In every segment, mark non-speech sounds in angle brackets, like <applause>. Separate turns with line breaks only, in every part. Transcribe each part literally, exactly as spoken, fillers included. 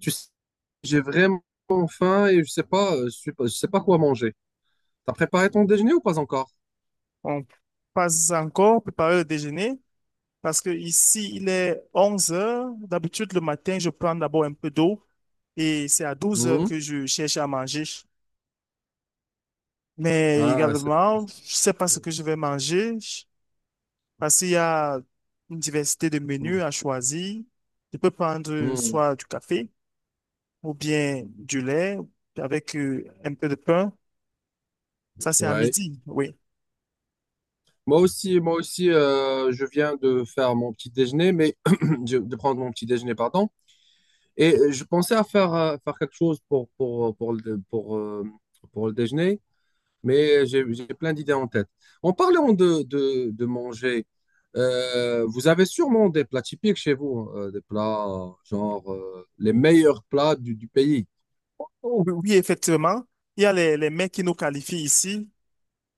Tu sais, j'ai vraiment faim et je sais pas, euh, je sais pas, je sais pas quoi manger. T'as préparé ton déjeuner ou pas encore?
On passe encore préparer le déjeuner parce que ici, il est onze heures. D'habitude, le matin, je prends d'abord un peu d'eau et c'est à douze heures
Hmm.
que je cherche à manger. Mais
Ah, c'est.
également, je sais pas ce que je vais manger parce qu'il y a une diversité de
Hmm,
menus à choisir. Je peux prendre
hmm, hmm.
soit du café ou bien du lait avec euh, un peu de pain. Ça, c'est à
Ouais.
midi, oui.
Moi aussi, moi aussi, euh, je viens de faire mon petit déjeuner, mais <clears throat> de de prendre mon petit déjeuner, pardon. Et euh, je pensais à faire, euh, faire quelque chose pour, pour, pour, le, pour, euh, pour le déjeuner, mais j'ai j'ai plein d'idées en tête. En parlant de, de, de manger, euh, vous avez sûrement des plats typiques chez vous, hein, euh, des plats euh, genre euh, les meilleurs plats du, du pays.
Oh, oui, oui, effectivement. Il y a les, les mets qui nous qualifient ici.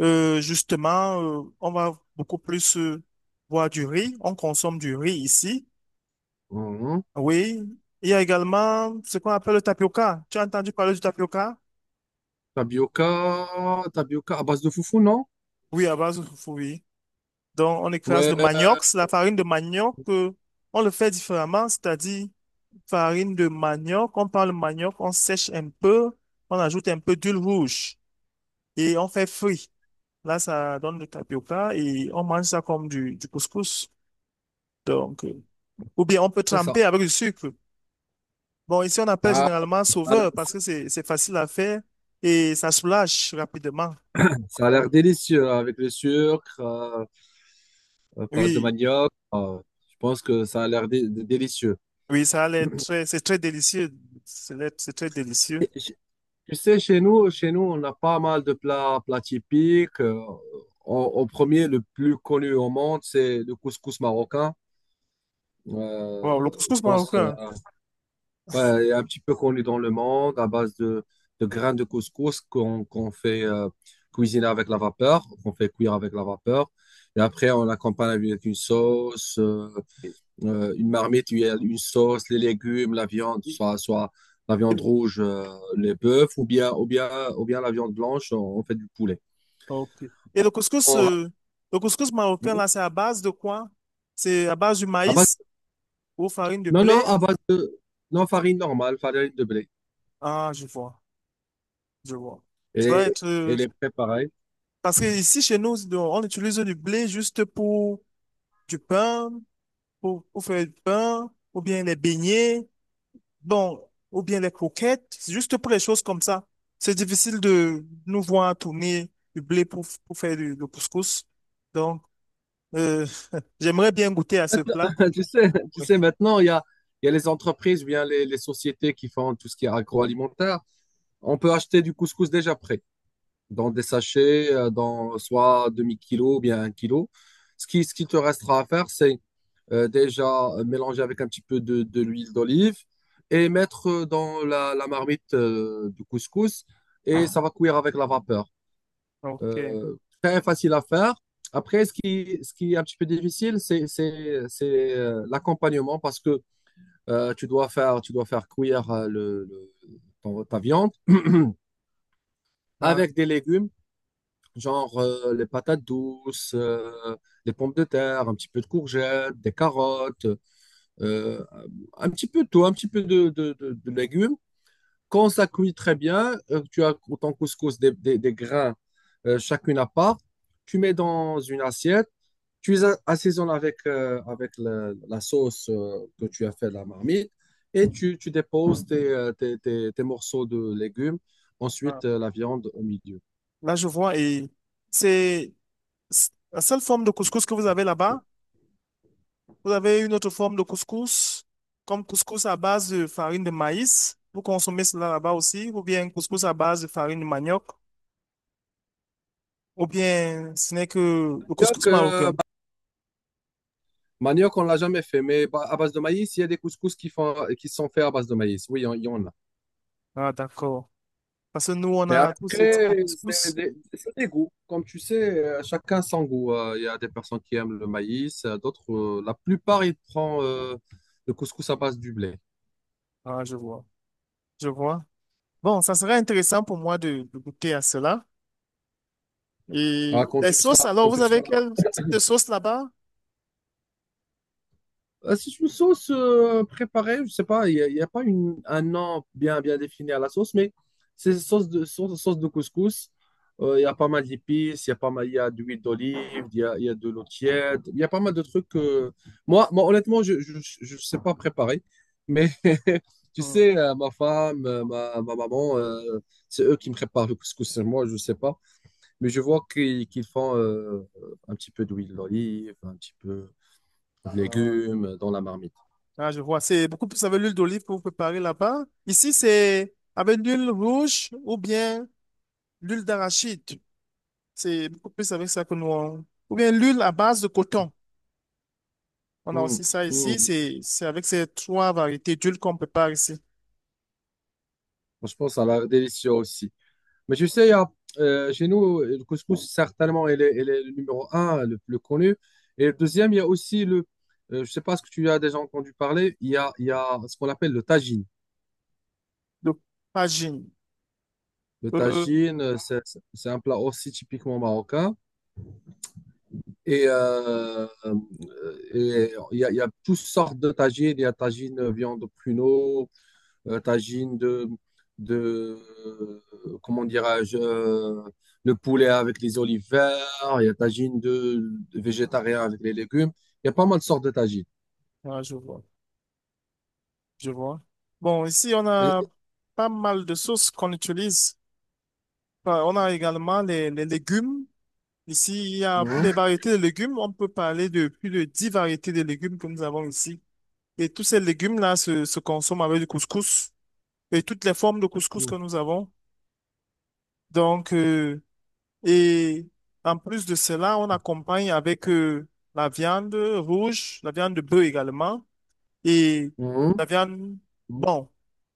Euh, justement, euh, on va beaucoup plus euh, boire du riz. On consomme du riz ici.
Mhm.
Oui. Il y a également ce qu'on appelle le tapioca. Tu as entendu parler du tapioca?
Tapioca, tapioca à base de foufou, non?
Oui, à base de foufou, oui. Donc, on écrase le
Ouais,
manioc. C'est la farine de manioc, euh, on le fait différemment, c'est-à-dire farine de manioc. On prend le manioc, on sèche un peu, on ajoute un peu d'huile rouge et on fait frit. Là, ça donne le tapioca et on mange ça comme du, du couscous. Donc, euh, Ou bien on peut
c'est ça.
tremper avec du sucre. Bon, ici on appelle
Ah,
généralement
ça a l'air
sauveur parce que c'est c'est facile à faire et ça soulage rapidement.
ça a l'air
Bon.
délicieux hein, avec le sucre, euh, euh, pâte de
Oui,
manioc. Euh, je pense que ça a l'air dé- dé- délicieux.
oui, ça a l'air très, c'est très délicieux. C'est l'air- c'est très délicieux.
Tu sais, chez nous, chez nous, on a pas mal de plats, plats typiques. Euh, en, en premier, le plus connu au monde, c'est le couscous marocain.
Wow, le
Euh, je
couscous
pense, euh,
marocain.
ouais, il est un petit peu connu dans le monde à base de, de grains de couscous qu'on qu'on fait euh, cuisiner avec la vapeur, qu'on fait cuire avec la vapeur. Et après, on l'accompagne avec une sauce. Euh, euh, une marmite, il y a une sauce, les légumes, la viande,
Et
soit, soit la viande
le
rouge, euh, les bœufs, ou bien, ou bien, ou bien la viande blanche, on, on fait du poulet.
Ok. Et
On,
le couscous,
on ra-
euh, le couscous marocain, là, c'est à base de quoi? C'est à base du
à base-
maïs ou farine de
non, non,
blé?
à base de non, farine normale, farine de blé.
Ah, je vois, je vois. Ça doit
Et,
être,
et
euh,
les préparer.
Parce que ici, chez nous, on utilise du blé juste pour du pain pour, pour faire le pain, ou bien les beignets, bon, ou bien les croquettes, c'est juste pour les choses comme ça. C'est difficile de nous voir tourner du blé pour, pour faire du, le couscous. Donc, euh, <laughs> J'aimerais bien goûter à ce plat.
<laughs> Tu sais, tu
Oui.
sais, maintenant, il y a, il y a les entreprises ou bien les, les sociétés qui font tout ce qui est agroalimentaire. On peut acheter du couscous déjà prêt, dans des sachets, euh, dans soit demi-kilo ou bien un kilo. Ce qui, ce qui te restera à faire, c'est euh, déjà euh, mélanger avec un petit peu de, de l'huile d'olive et mettre euh, dans la, la marmite euh, du couscous et ça va cuire avec la vapeur.
Ok.
Euh, Très facile à faire. Après, ce qui, ce qui est un petit peu difficile, c'est c'est- c'est, euh, l'accompagnement parce que euh, tu dois faire, tu dois faire cuire euh, le, le- ton- ta viande
Ah,
avec des légumes, genre euh, les patates douces, euh, les pommes de terre, un petit peu de courgettes, des carottes, euh, un petit peu de tout, un petit peu de, de- de- de légumes. Quand ça cuit très bien, euh, tu as ton couscous des, des- des grains euh, chacune à part, tu mets dans une assiette, tu les a- assaisonnes avec, euh, avec le- la sauce euh, que tu as fait de la marmite et tu, tu déposes tes, euh, tes- tes- tes morceaux de légumes,
ah.
ensuite euh, la viande au milieu.
Là, je vois, et c'est c'est la seule forme de couscous que vous avez là-bas. Vous avez une autre forme de couscous, comme couscous à base de farine de maïs. Vous consommez cela là-bas aussi, ou bien couscous à base de farine de manioc. Ou bien ce n'est que le
Manioc,
couscous
euh,
marocain.
Manioc, on l'a jamais fait, mais bah, à base de maïs, il y a des couscous qui font, qui sont faits à base de maïs. Oui, il y en il y en a.
Ah, d'accord. Parce que nous, on
Mais
a tous ces types de
après, c'est
couscous.
des, c'est des goûts. Comme tu sais, euh, chacun son goût. Euh, Il y a des personnes qui aiment le maïs, euh, d'autres, euh, la plupart, ils prennent euh, le couscous à base du blé.
Ah, je vois. Je vois. Bon, ça serait intéressant pour moi de, de goûter à cela. Et
Ah, quand
les
tu
sauces,
seras,
alors,
quand
vous
tu
avez
seras
quel type de sauce là-bas?
Euh, C'est une sauce euh, préparée, je sais pas, il n'y a, il y a pas une, un nom bien, bien défini à la sauce, mais c'est sauce de, sauce, sauce de couscous. Euh, Il y a pas mal d'épices, il y a pas mal, il y a de l'huile d'olive, il y a, il y a de l'eau tiède, il y a pas mal de trucs. euh, Moi, moi, honnêtement, je je je sais pas préparer, mais <laughs> tu
Hmm.
sais, euh, ma femme, euh, ma, ma maman, euh, c'est eux qui me préparent le couscous, c'est moi, je sais pas, mais je vois qu'ils qu'ils font euh, un petit peu d'huile d'olive, un petit peu de
Ah.
légumes dans la marmite.
Ah, je vois. C'est beaucoup plus avec l'huile d'olive que vous préparez là-bas. Ici, c'est avec l'huile rouge ou bien l'huile d'arachide. C'est beaucoup plus avec ça que nous. on- Ou bien l'huile à base de coton. On a
Mm,
aussi ça ici.
mm.
C'est, c'est avec ces trois variétés d'huile qu'on prépare ici.
Franchement, ça a l'air délicieux aussi. Mais tu sais, il y a, euh, chez nous, le couscous, certainement, il est, il est le numéro un, le plus connu. Et le deuxième, il y a aussi le, euh, je sais pas ce que tu as déjà entendu parler, il y a, il y a ce qu'on appelle le tagine.
Donc, Fajin.
Le
Euh,
tagine, euh, c'est c'est- c'est un plat aussi typiquement marocain. Et, euh, euh, et il y a, il y a toutes sortes de tagines. Il y a tagine viande pruneau, euh, tagine de, de euh, comment dirais-je, euh, le poulet avec les olives vertes, il y a tagine de, de végétarien avec les légumes. Il y a pas mal de sortes de tagines.
ah, je vois, je vois. Bon, ici, on a
Et-
pas mal de sauces qu'on utilise. Enfin, on a également les, les légumes. Ici, il y a pour
Mhm,
les variétés de légumes, on peut parler de plus de dix variétés de légumes que nous avons ici. Et tous ces légumes-là se, se consomment avec du couscous et toutes les formes de couscous que
mhm,
nous avons. Donc, euh, et en plus de cela, on accompagne avec euh, la viande rouge, la viande de bœuf également. Et
mhm,
la viande,
mhm,
bon,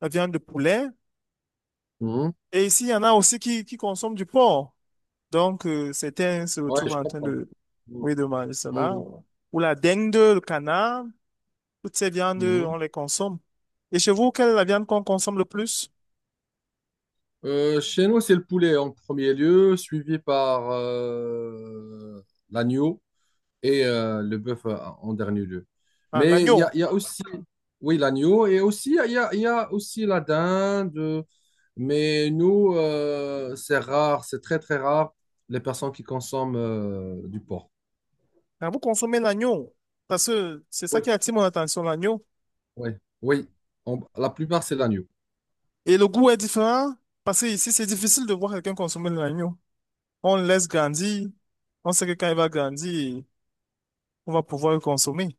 la viande de poulet.
mhm.
Et ici, il y en a aussi qui, qui consomment du porc. Donc, euh, certains se
Ouais,
retrouvent
je
en train
comprends.
de,
Mhm,
oui, de manger cela.
mhm,
Ou la dengue, le canard, toutes ces viandes,
mhm.
on les consomme. Et chez vous, quelle est la viande qu'on consomme le plus?
Euh, chez nous, c'est le poulet en premier lieu, suivi par euh, l'agneau. et euh, le bœuf euh, en dernier lieu.
Ah,
Mais il y a,
l'agneau.
il y a, aussi, oui, l'agneau, et aussi, il y a, il y a aussi la dinde. Mais nous, euh, c'est rare, c'est très, très rare, les personnes qui consomment euh, du porc.
Ah, vous consommez l'agneau. Parce que c'est ça
Oui.
qui attire mon attention, l'agneau.
Oui, oui. On- la plupart, c'est l'agneau.
Et le goût est différent parce que ici, c'est difficile de voir quelqu'un consommer de l'agneau. On le laisse grandir. On sait que quand il va grandir, on va pouvoir le consommer.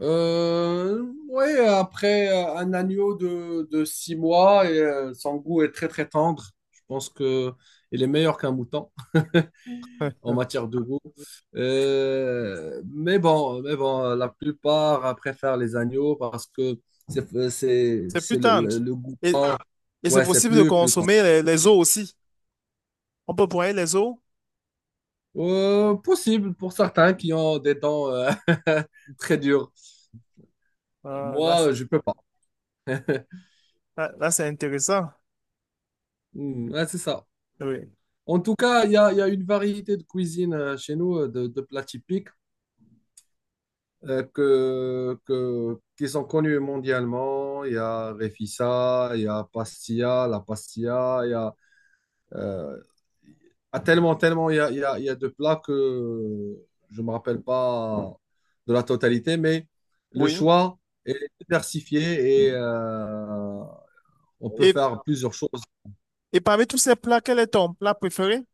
Euh, oui, après euh, un agneau de, de six mois, et, euh, son goût est très, très tendre. Je pense que il est meilleur qu'un mouton <laughs> en matière de goût. Euh, mais bon, mais bon, la plupart euh, préfèrent les agneaux parce que c'est euh, c'est-
C'est plus
c'est le,
tendre.
le- le goût
Et,
tendre.
et c'est
Ouais, c'est
possible de
plus plus tendre.
consommer les, les os aussi. On peut broyer les os.
Euh, possible pour certains qui ont des dents euh, <laughs> très dures.
Ah, là, c'est-
Moi, je peux pas. <laughs>
là, là, c'est intéressant.
Hmm, ouais, c'est ça.
Oui.
En tout cas, il y a, il y a une variété de cuisine euh, chez nous, euh, de, de plats typiques euh, que, que- qui sont connus mondialement. Il y a Refissa, il y a Pastilla, la Pastilla, il y a Euh, ah, tellement, tellement, il y a, il y a- il y a de plats que je ne me rappelle pas de la totalité, mais le
Oui.
choix est diversifié et euh, on peut
Et,
faire plusieurs choses.
et parmi tous ces plats, quel est ton plat préféré?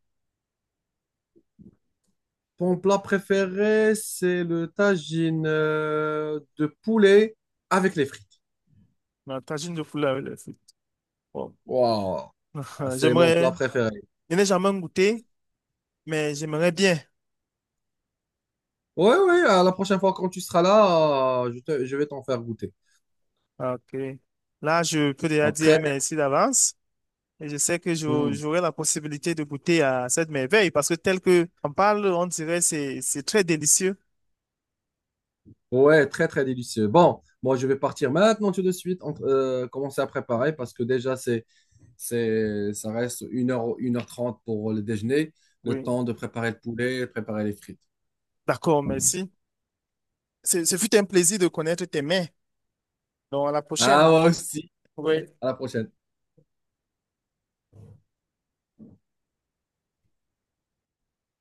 Mon plat préféré, c'est le tagine euh, de poulet avec les frites.
La tagine de poulet avec les frites. Bon.
Waouh,
<laughs>
c'est mon plat
J'aimerais,
préféré.
je n'ai jamais goûté, mais j'aimerais bien.
Oui, oui, la prochaine fois quand tu seras là, euh, je te- je vais t'en faire goûter.
Ok. Là, je peux déjà dire
Après,
merci d'avance. Et je sais que j'au-
hmm,
j'aurai la possibilité de goûter à cette merveille parce que tel que on parle, on dirait c'est c'est très délicieux.
ouais, très très délicieux. Bon, moi je vais partir maintenant tout de suite, entre- euh, commencer à préparer parce que déjà c'est, c'est, ça reste une heure une heure trente pour le déjeuner, le
Oui.
temps de préparer le poulet, préparer les frites.
D'accord, merci. Ce ce fut un plaisir de connaître tes mains. Donc à la
Ah,
prochaine.
moi aussi.
Oui.
À la prochaine.